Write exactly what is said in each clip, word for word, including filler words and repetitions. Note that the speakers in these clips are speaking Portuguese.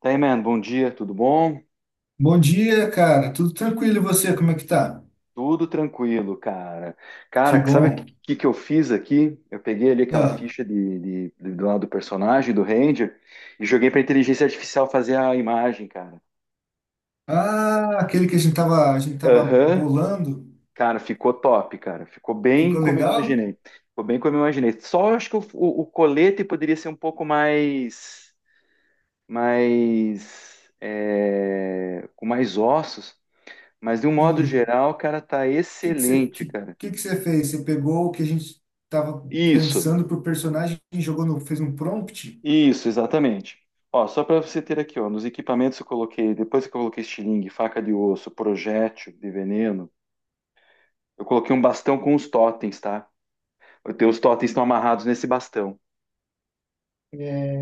Tá aí, man, bom dia, tudo bom? Bom dia, cara. Tudo tranquilo e você? Como é que tá? Tudo tranquilo, cara. Que Cara, sabe o bom. que, que eu fiz aqui? Eu peguei ali aquela Ah, ficha de, de, de- do lado do personagem, do Ranger, e joguei pra inteligência artificial fazer a imagem, cara. ah, aquele que a gente tava, a gente tava Aham. bolando, Cara, ficou top, cara. Ficou bem ficou como eu legal? imaginei. Ficou bem como eu imaginei. Só acho que o, o, o colete poderia ser um pouco mais, mais, é, com mais ossos, mas de um modo Sim. O geral, cara, tá que que você, excelente, que, cara. que que você fez? Você pegou o que a gente tava Isso. pensando pro personagem e jogou no, fez um prompt? Isso, exatamente. Ó, só para você ter aqui, ó, nos equipamentos eu coloquei, depois que eu coloquei estilingue, faca de osso, projétil de veneno, eu coloquei um bastão com os totens, tá? Eu tenho- Os totens estão amarrados nesse bastão. É,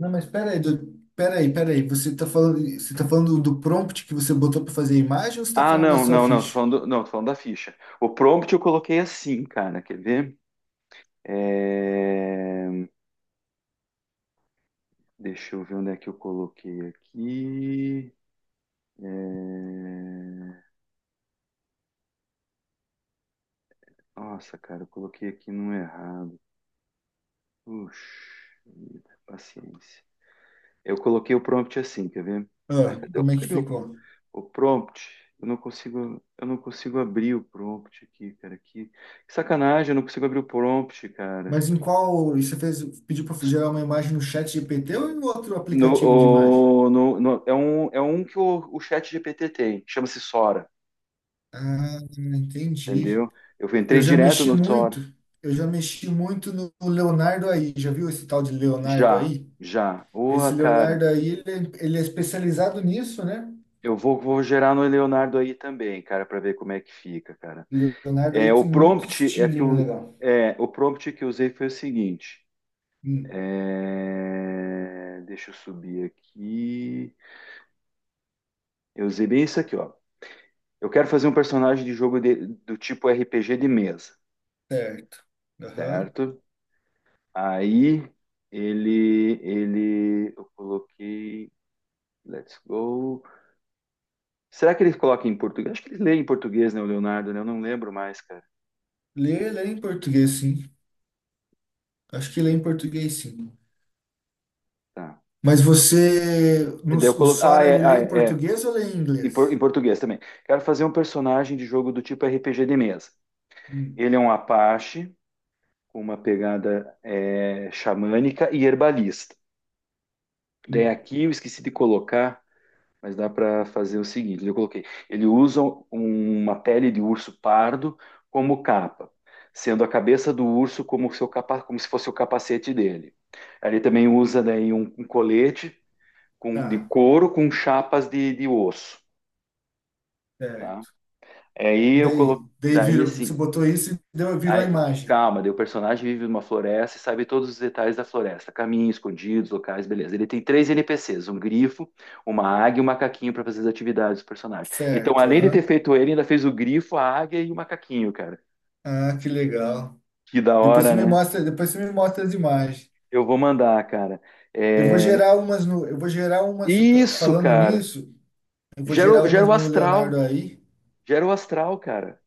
não, mas pera aí, do, pera aí, pera aí. Você tá falando, você tá falando do prompt que você botou para fazer a imagem ou você tá Ah, falando da não, sua não, não, tô ficha? falando, não, tô falando da ficha. O prompt eu coloquei assim, cara, quer ver? É, Deixa eu ver onde é que eu coloquei aqui. É, Nossa, cara, eu coloquei aqui no errado. Puxa, vida, paciência. Eu coloquei o prompt assim, quer ver? Ai, Ah, cadê, o- como é que cadê o, ficou? o prompt? Eu não consigo, eu não consigo abrir o prompt aqui, cara. Que, que sacanagem, eu não consigo abrir o prompt, cara. Mas em qual você fez, pediu para gerar uma imagem no chat G P T ou em outro No, aplicativo de imagem? o- no- no- é um, é um que o, o chat G P T tem, chama-se Sora, Ah, entendi. entendeu? Eu Eu entrei já direto mexi no muito, Sora. eu já mexi muito no Leonardo aí. Já viu esse tal de Leonardo Já, aí? já. Porra, Esse cara. Leonardo aí, ele, é, ele é especializado nisso, né? Eu vou, vou gerar no Leonardo aí também, cara, para ver como é que fica, cara. Leonardo É, aí o tem muito prompt é que estilinho o, legal. é, o prompt que eu usei foi o seguinte. Hum, É, Deixa eu subir aqui. Eu usei bem isso aqui, ó. Eu quero fazer um personagem de jogo de- do tipo R P G de mesa, certo. Aham. certo? Aí ele, ele, eu coloquei, let's go. Será que ele coloca em português? Acho que ele lê em português, né, o Leonardo, né? Eu não lembro mais, cara. Lê, lê em português, sim. Acho que lê em português, sim. Tá. Mas você, E no, daí eu o colo... Ah, Sora, ele é, lê ah, em é, é. português ou lê em Em, por- em inglês? português também. Quero fazer um personagem de jogo do tipo R P G de mesa. Hum. Ele é um Apache, com uma pegada é, xamânica e herbalista. Daí Hum, aqui eu esqueci de colocar, mas dá para fazer o seguinte: eu coloquei. Ele usa um- uma pele de urso pardo como capa, sendo a cabeça do urso como, seu capa, como se fosse o capacete dele. Ele também usa daí um, um colete com- de tá, couro com chapas de, de osso, tá? certo. Aí E eu daí? coloquei. Daí Daí virou, você assim, botou isso e deu, virou a aí, imagem. calma, daí o personagem vive numa floresta e sabe todos os detalhes da floresta, caminhos, escondidos, locais, beleza. Ele tem três N P Cis, um grifo, uma águia e um macaquinho para fazer as atividades do personagem. Então, Certo, além de ter aham. feito ele, ainda fez o grifo, a águia e o macaquinho, cara. Ah, que legal. Que da Depois você hora, me né? mostra, depois você me mostra as imagens. Eu vou mandar, cara. Eu vou É... gerar umas no, eu vou gerar umas, pra- Isso, falando cara. nisso, eu vou Gera, gerar o- gera umas o no astral. Leonardo aí. Gera o astral, cara.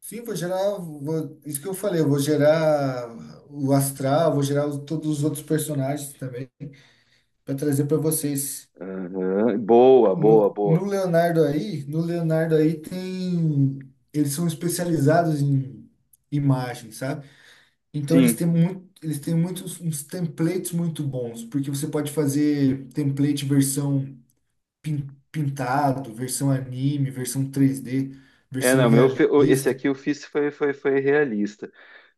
Sim, vou gerar, vou- isso que eu falei, eu vou gerar o Astral, vou gerar os- todos os outros personagens também, para trazer para vocês. Aham. Boa, boa, No, boa. no Leonardo aí, no Leonardo aí tem, eles são especializados em imagens, sabe? Então eles Sim. têm muito, eles têm muitos uns templates muito bons, porque você pode fazer template versão pin- pintado, versão anime, versão três d É, versão Não, meu, fe- esse realista, aqui eu fiz foi, foi, foi realista.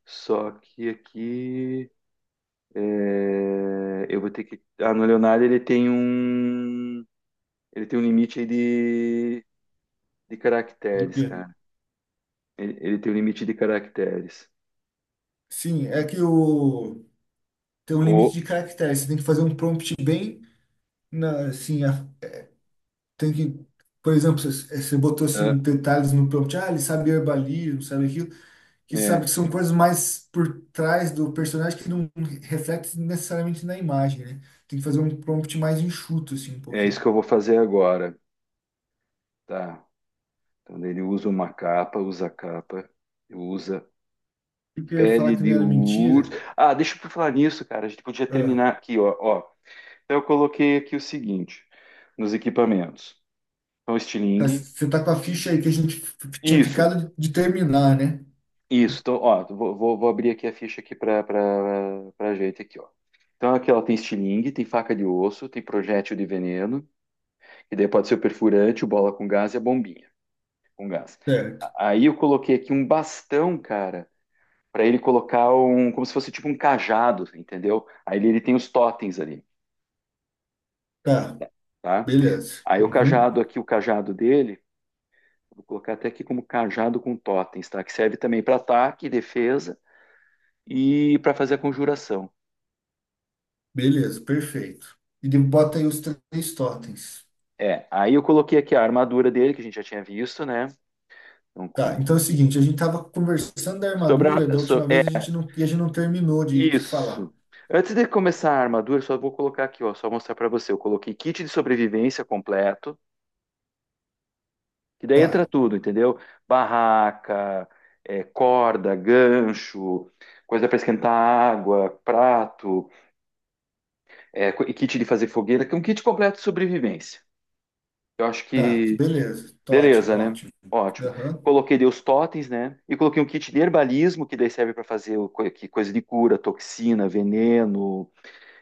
Só que aqui é, eu vou ter que. Ah, no Leonardo ele tem um. Ele tem um limite aí de, de do caracteres, quê? cara. Ele, ele tem um limite de caracteres. Sim, é que o tem um Ou, limite de caracteres, você tem que fazer um prompt bem na, assim, a- tem que, por exemplo, você você botou ah, assim detalhes no prompt, ah, ele sabe herbalismo, sabe aquilo, que sabe é, que são coisas mais por trás do personagem que não reflete necessariamente na imagem, né? Tem que fazer um prompt mais enxuto, assim, um É isso que pouquinho. eu vou fazer agora. Tá. Então daí ele usa uma capa, usa capa, usa E que eu ia falar pele que não de era urso. mentira. Ah, deixa eu falar nisso, cara. A gente podia Ah, terminar aqui, ó. ó. Então eu coloquei aqui o seguinte, nos equipamentos. Então, tá, estilingue. você tá com a ficha aí que a gente f- tinha Isso. ficado de terminar, né? Isso, então, ó, vou, vou- vou abrir aqui a ficha aqui para para gente aqui, ó. Então aqui ela tem estilingue, tem faca de osso, tem projétil de veneno, e daí pode ser o perfurante, o bola com gás e a bombinha com gás. Certo. A- Aí eu coloquei aqui um bastão, cara, para ele colocar um, como se fosse tipo um cajado, entendeu? Aí ele, ele tem os totens ali, Tá, tá? beleza. Aí o Uhum. cajado aqui, o cajado dele, vou colocar até aqui como cajado com totens, tá? Que serve também para ataque, defesa e para fazer a conjuração. Beleza, perfeito. E de- bota aí os três totens. É, aí eu coloquei aqui a armadura dele, que a gente já tinha visto, né? Então, com... Tá, então é o seguinte, a gente estava conversando da Sobre a... armadura da so- última É vez, a gente não, e a gente não terminou de, de falar. isso. Antes de começar a armadura, só vou colocar aqui, ó, só mostrar pra você. Eu coloquei kit de sobrevivência completo, que daí Tá, entra tudo, entendeu? Barraca, é, corda, gancho, coisa pra esquentar água, prato, é, co- e kit de fazer fogueira, que é um kit completo de sobrevivência. Eu acho tá, que beleza, tá ótimo, beleza, né? ótimo. Ótimo. Aham, Coloquei daí os totens, né? E coloquei um kit de herbalismo, que daí serve para fazer o co- que- coisa de cura, toxina, veneno,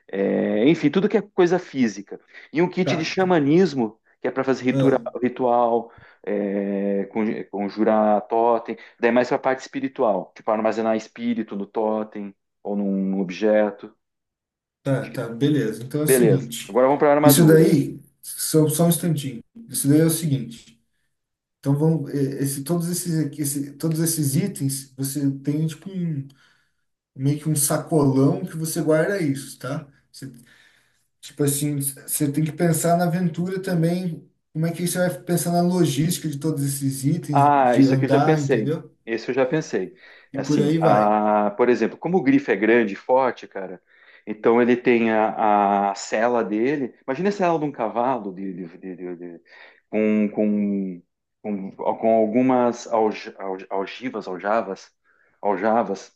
é, enfim, tudo que é coisa física. E um kit de tá, tá, xamanismo, que é para fazer ritura- ah, ritual, é, conj- conjurar totem. Daí é mais para a parte espiritual, tipo armazenar espírito no totem ou num objeto. tá, Acho que- tá, beleza. Então é o Beleza. seguinte, Agora vamos para a isso armadura. daí, só, só um instantinho, isso daí é o seguinte, então vão, eh, esse, todos esses, aqui- esse, todos esses itens, você tem tipo um, meio que um sacolão que você guarda isso, tá? Tipo assim, você tem que pensar na aventura também, como é que você vai pensar na logística de todos esses itens, Ah, de isso aqui eu já andar, pensei. entendeu? Esse eu já pensei. E por Assim, aí vai. a, por exemplo, como o grifo é grande e forte, cara, então ele tem a, a sela dele. Imagina a sela de um cavalo de, de- de- de- de- com, com, com, com algumas alj, alj, algivas, aljavas, aljavas,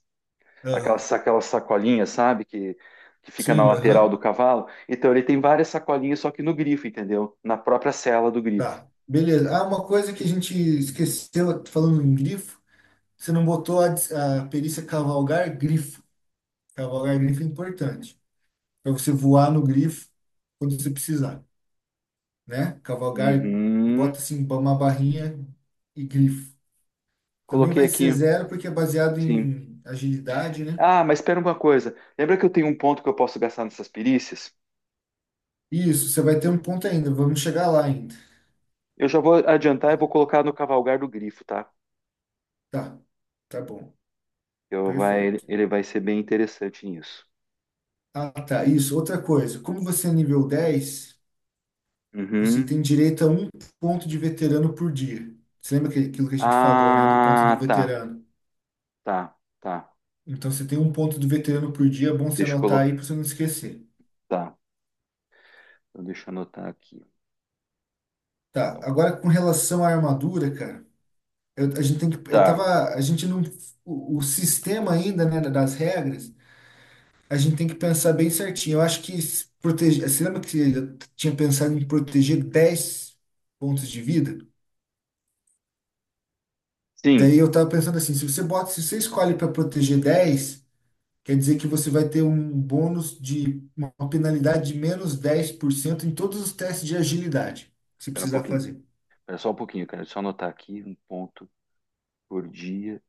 Ah, aquelas, aquelas sacolinhas, sabe, que, que fica na sim, lateral aham, do cavalo. Então ele tem várias sacolinhas, só que no grifo, entendeu? Na própria sela do grifo. tá. Beleza. Ah, uma coisa que a gente esqueceu, falando em grifo, você não botou a, dis- a perícia cavalgar grifo. Cavalgar grifo é importante, para você voar no grifo quando você precisar, né? Cavalgar, bota Uhum. assim, uma barrinha e grifo. Também Coloquei vai ser aqui. zero porque é baseado Sim. em agilidade, né? Ah, mas espera uma coisa. Lembra que eu tenho um ponto que eu posso gastar nessas perícias? Isso, você vai ter um ponto ainda. Vamos chegar lá ainda. Eu já vou adiantar e vou colocar no cavalgar do grifo, tá? Tá, tá bom. Eu vai, Perfeito. Ele vai ser bem interessante nisso. Ah, tá. Isso. Outra coisa. Como você é nível dez, você Uhum. tem direito a um ponto de veterano por dia. Você lembra que- aquilo que a gente falou, né? Do ponto do Ah, tá, veterano. tá, tá. Então você tem um ponto do veterano por dia. É bom você Deixa eu anotar aí para colocar. você não esquecer. Tá, então deixa eu anotar aqui. Tá. Então, Agora com relação à armadura, cara. Eu, a gente tem que. Eu tá. tava. A gente não. O, o sistema ainda, né? Das regras. A gente tem que pensar bem certinho. Eu acho que se proteger. Você lembra que eu tinha pensado em proteger dez pontos de vida? Sim, Daí eu tava pensando assim, se você bota, se você escolhe para proteger dez quer dizer que você vai ter um bônus de uma penalidade de menos dez por cento em todos os testes de agilidade que você espera um precisar pouquinho. fazer, Espera só um pouquinho, cara. Deixa eu só anotar aqui um ponto por dia,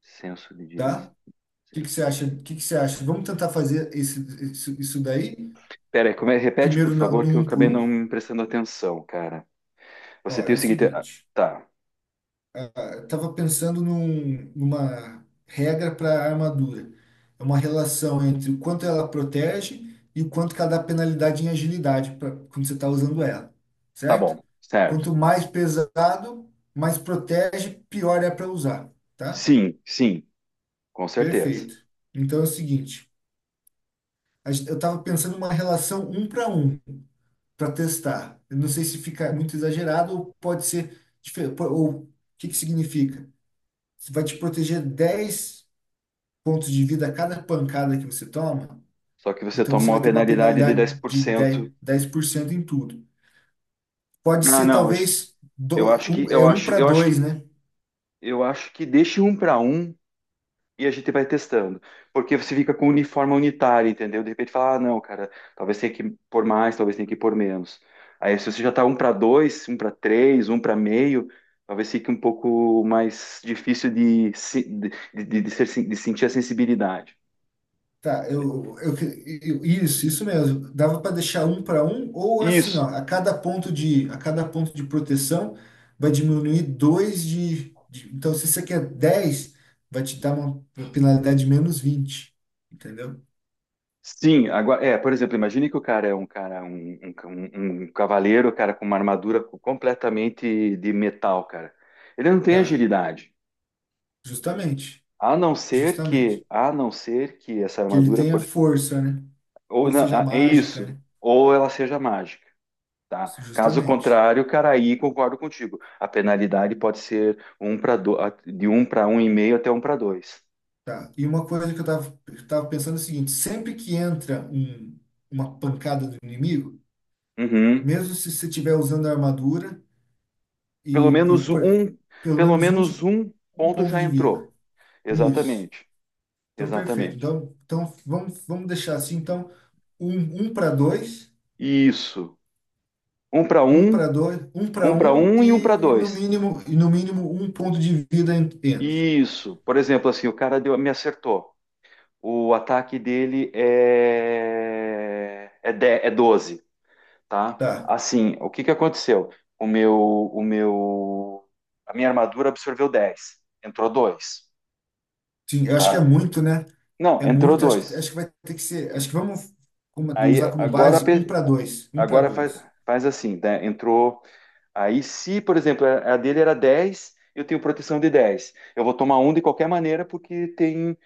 senso de direção. tá? O que que Senso você acha? de. O que que você acha? Vamos tentar fazer esse, isso, isso daí Pera aí, como é? Repete, por primeiro na- favor, no que eu um por acabei não um? me prestando atenção, cara. Ó, Você tem é o o seguinte. ah, seguinte. Tá, Estava pensando num- numa regra para armadura. É uma relação entre o quanto ela protege e o quanto que ela dá penalidade em agilidade pra, quando você está usando ela, tá certo? bom, certo. Quanto mais pesado, mais protege, pior é para usar, tá? Sim, sim, com certeza. Perfeito. Então é o seguinte, a gen- eu estava pensando numa relação um para um para testar. Eu não sei se fica muito exagerado ou pode ser diferente. Ou o que que significa? Você vai te proteger dez pontos de vida a cada pancada que você toma, Só que você então você toma uma vai ter uma penalidade de dez penalidade por de dez cento. dez por cento em tudo. Pode Ah, ser não, acho- talvez do, eu acho que um, é eu um acho, para eu acho dois, que né? Eu acho que deixe um para um e a gente vai testando. Porque você fica com uniforme unitário, entendeu? De repente fala, ah, não, cara, talvez tenha que pôr mais, talvez tenha que pôr menos. Aí se você já tá um para dois, um para três, um para meio, talvez fique um pouco mais difícil de, se- de, de, de ser sen- de sentir a sensibilidade. Tá, eu, eu, eu- isso, isso mesmo. Dava para deixar um para um ou assim, ó, Isso. a cada ponto de a cada ponto de proteção vai diminuir dois de, de- então se você quer dez, vai te dar uma penalidade de menos vinte, entendeu? Sim, agora, é, por exemplo, imagine que o cara é um cara, um, um, um- um cavaleiro, cara, com uma armadura completamente de metal, cara. Ele não tem Tá, agilidade, justamente, a não ser que, justamente. a não ser que essa Que ele armadura, tenha por- força, né? ou Ou não, seja, ah, é mágica, isso, né? ou ela seja mágica, tá? Caso Justamente. contrário, cara, aí concordo contigo. A penalidade pode ser um para do... de um para um e meio até um para dois. Tá. E uma coisa que eu tava, eu tava pensando é o seguinte, sempre que entra um, uma pancada do inimigo, Uhum. mesmo se você estiver usando a armadura Pelo e, e menos por- um, pelo pelo menos um, menos de, um um ponto ponto já de vida. entrou. Isso. Exatamente. Então, perfeito. Exatamente. Então, então vamos, vamos deixar assim, então, um, um para dois, Isso. Um para um um, para dois, um para um para um um e um para e no dois. mínimo, e no mínimo um ponto de vida en- entra. Isso. Por exemplo, assim, o cara deu- me acertou. O ataque dele é é, de, é doze, tá? Tá. Assim, o que que aconteceu? O meu, o meu, a minha armadura absorveu dez. Entrou dois, Sim, eu acho que é tá? muito, né? Não, É entrou muito, acho que, dois. acho que vai ter que ser. Acho que vamos como- Aí usar como agora base um pe- para dois. Um para Agora faz, dois. faz assim, né? Entrou. Aí, se, por exemplo, a a dele era dez, eu tenho proteção de dez. Eu vou tomar um de qualquer maneira, porque tem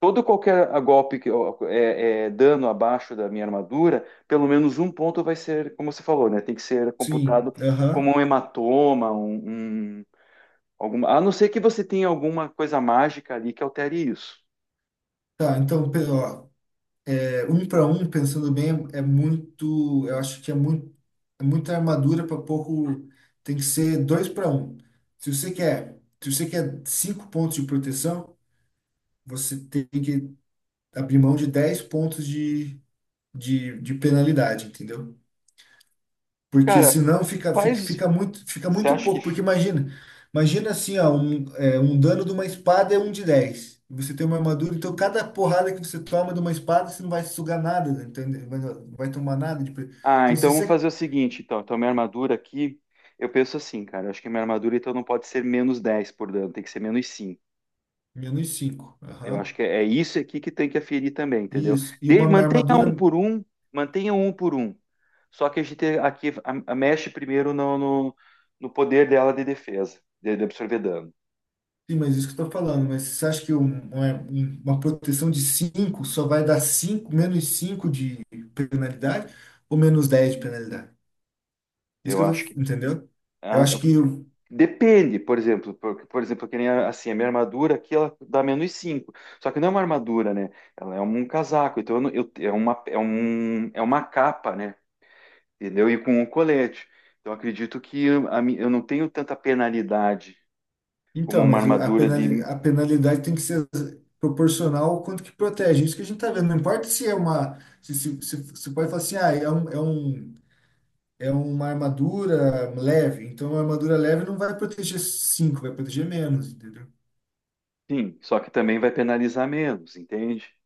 todo qualquer ah, golpe que eu- é, é dano abaixo da minha armadura, pelo menos um ponto vai ser, como você falou, né? Tem que ser computado Sim, como aham. um hematoma, um, um- alguma, a não ser que você tenha alguma coisa mágica ali que altere isso. Tá, então, pe- ó, é, um para um, pensando bem, é muito. Eu acho que é muito, é muita armadura para pouco. Tem que ser dois para um. Se você quer, se você quer cinco pontos de proteção, você tem que abrir mão de dez pontos de, de, de penalidade, entendeu? Porque Cara, senão fica, fica, faz. fica muito, fica Você muito acha que pouco. Porque imagina, imagina assim, ó, um, é, um dano de uma espada é um de dez. E você tem uma armadura, então cada porrada que você toma de uma espada, você não vai sugar nada, né? Então, vai, vai tomar nada de pre- ah, Então, se então você. vamos É fazer o seguinte, então. Então, minha armadura aqui, eu penso assim, cara. Eu acho que minha armadura, então, não pode ser menos dez por dano, tem que ser menos cinco. menos cinco. Eu acho Aham. que é, é isso aqui que tem que aferir também, entendeu? Isso. E De- uma Mantenha um armadura. por um, mantenha um por um. Só que a gente aqui a- a- mexe primeiro no, no, no poder dela de defesa, de, de absorver dano. Sim, mas isso que eu tô falando. Mas você acha que um- uma, um- uma proteção de cinco só vai dar cinco menos cinco de penalidade ou menos dez de penalidade? Isso Eu que eu acho que. tô. Entendeu? Eu ah, acho que. Depende, por exemplo, por, por exemplo, que nem a- assim, a minha armadura aqui ela dá menos cinco. Só que não é uma armadura, né? Ela é um casaco, então eu, não- eu- é uma, é um, é uma capa, né? Entendeu? E com um colete. Então eu acredito que eu, a mi- eu não tenho tanta penalidade como Então, uma mas o- a armadura penali- de. a penalidade tem que ser proporcional ao quanto que protege. Isso que a gente está vendo. Não importa se é uma. Se, se, se, se pode falar assim, ah, é um, é um, é uma armadura leve. Então, uma armadura leve não vai proteger cinco, vai proteger menos, entendeu? Sim, só que também vai penalizar menos, entende?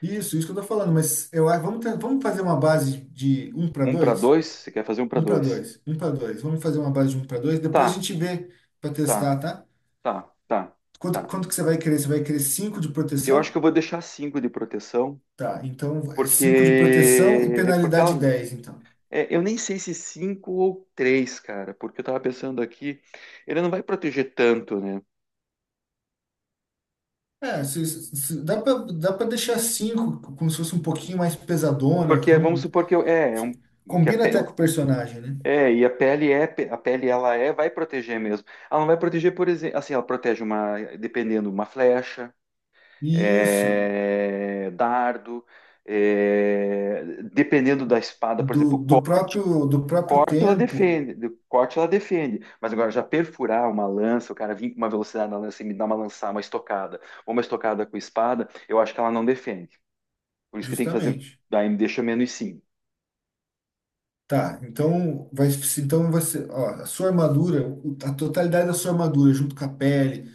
Isso, isso que eu tô falando. Mas eu, acho- vamos, ten- vamos fazer uma base de um para Um para dois, dois? Você quer fazer um para um para dois? dois, um para dois. Vamos fazer uma base de um para dois. Depois a Tá, gente vê para tá, testar, tá? tá, tá, Quanto, tá. quanto que você vai querer? Você vai querer cinco de Eu acho que proteção? eu vou deixar cinco de proteção. Tá, então é cinco de proteção e Porque, porque penalidade ela, dez então. É, eu nem sei se cinco ou três, cara, porque eu tava pensando aqui, ele não vai proteger tanto, né? É, se, se- se- dá pra dá para deixar cinco como se fosse um pouquinho mais pesadona. Porque vamos Vamos, supor que eu, é, é um, o que a combina pe- até com o personagem, né? é, e a pele é, a pele ela é, vai proteger mesmo. Ela não vai proteger, por exemplo, assim, ela protege uma, dependendo, uma flecha, Isso, é, dardo, é, dependendo da espada, por do, exemplo, do próprio do próprio corte ela tempo, defende, de- corte ela defende, mas agora já perfurar uma lança, o cara vir com uma velocidade na lança e me dar uma lançar, uma estocada, ou uma estocada com espada, eu acho que ela não defende. Por isso que tem que fazer, justamente. daí me deixa menos cinco. Tá, então vai, então vai ser, ó, a sua armadura, o- a totalidade da sua armadura, junto com a pele,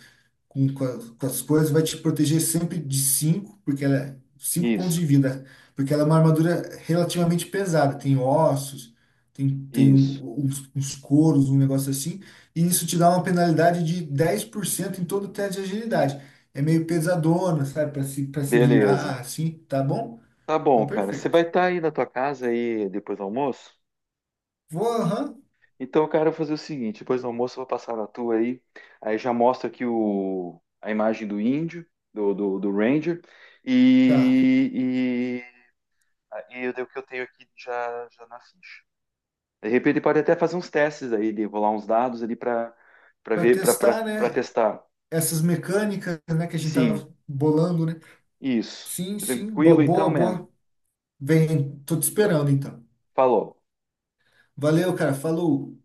com, com, a- com as coisas, vai te proteger sempre de cinco porque ela é cinco pontos Isso, de vida, porque ela é uma armadura relativamente pesada, tem ossos, tem, tem isso, uns, uns couros, um negócio assim, e isso te dá uma penalidade de dez por cento em todo o teste de agilidade. É meio pesadona, sabe, para se, para se virar beleza. assim, tá bom? Tá bom, Então, cara. Você vai perfeito. estar aí na tua casa aí depois do almoço? Vou, aham, Então, cara, eu vou fazer o seguinte, depois do almoço eu vou passar na tua aí, aí já mostra aqui o, a imagem do índio, do, do, do Ranger, tá. e, e ah, e eu dei o que eu tenho aqui já, já na ficha. De repente pode até fazer uns testes aí, de rolar uns dados ali para para Para ver, testar, para né, testar. essas mecânicas, né, que a gente Sim, tava bolando, né? isso. Sim, sim, Tranquilo bo- boa, então, man. boa. Vem, tô te Então, esperando então. falou. Valeu, cara. Falou.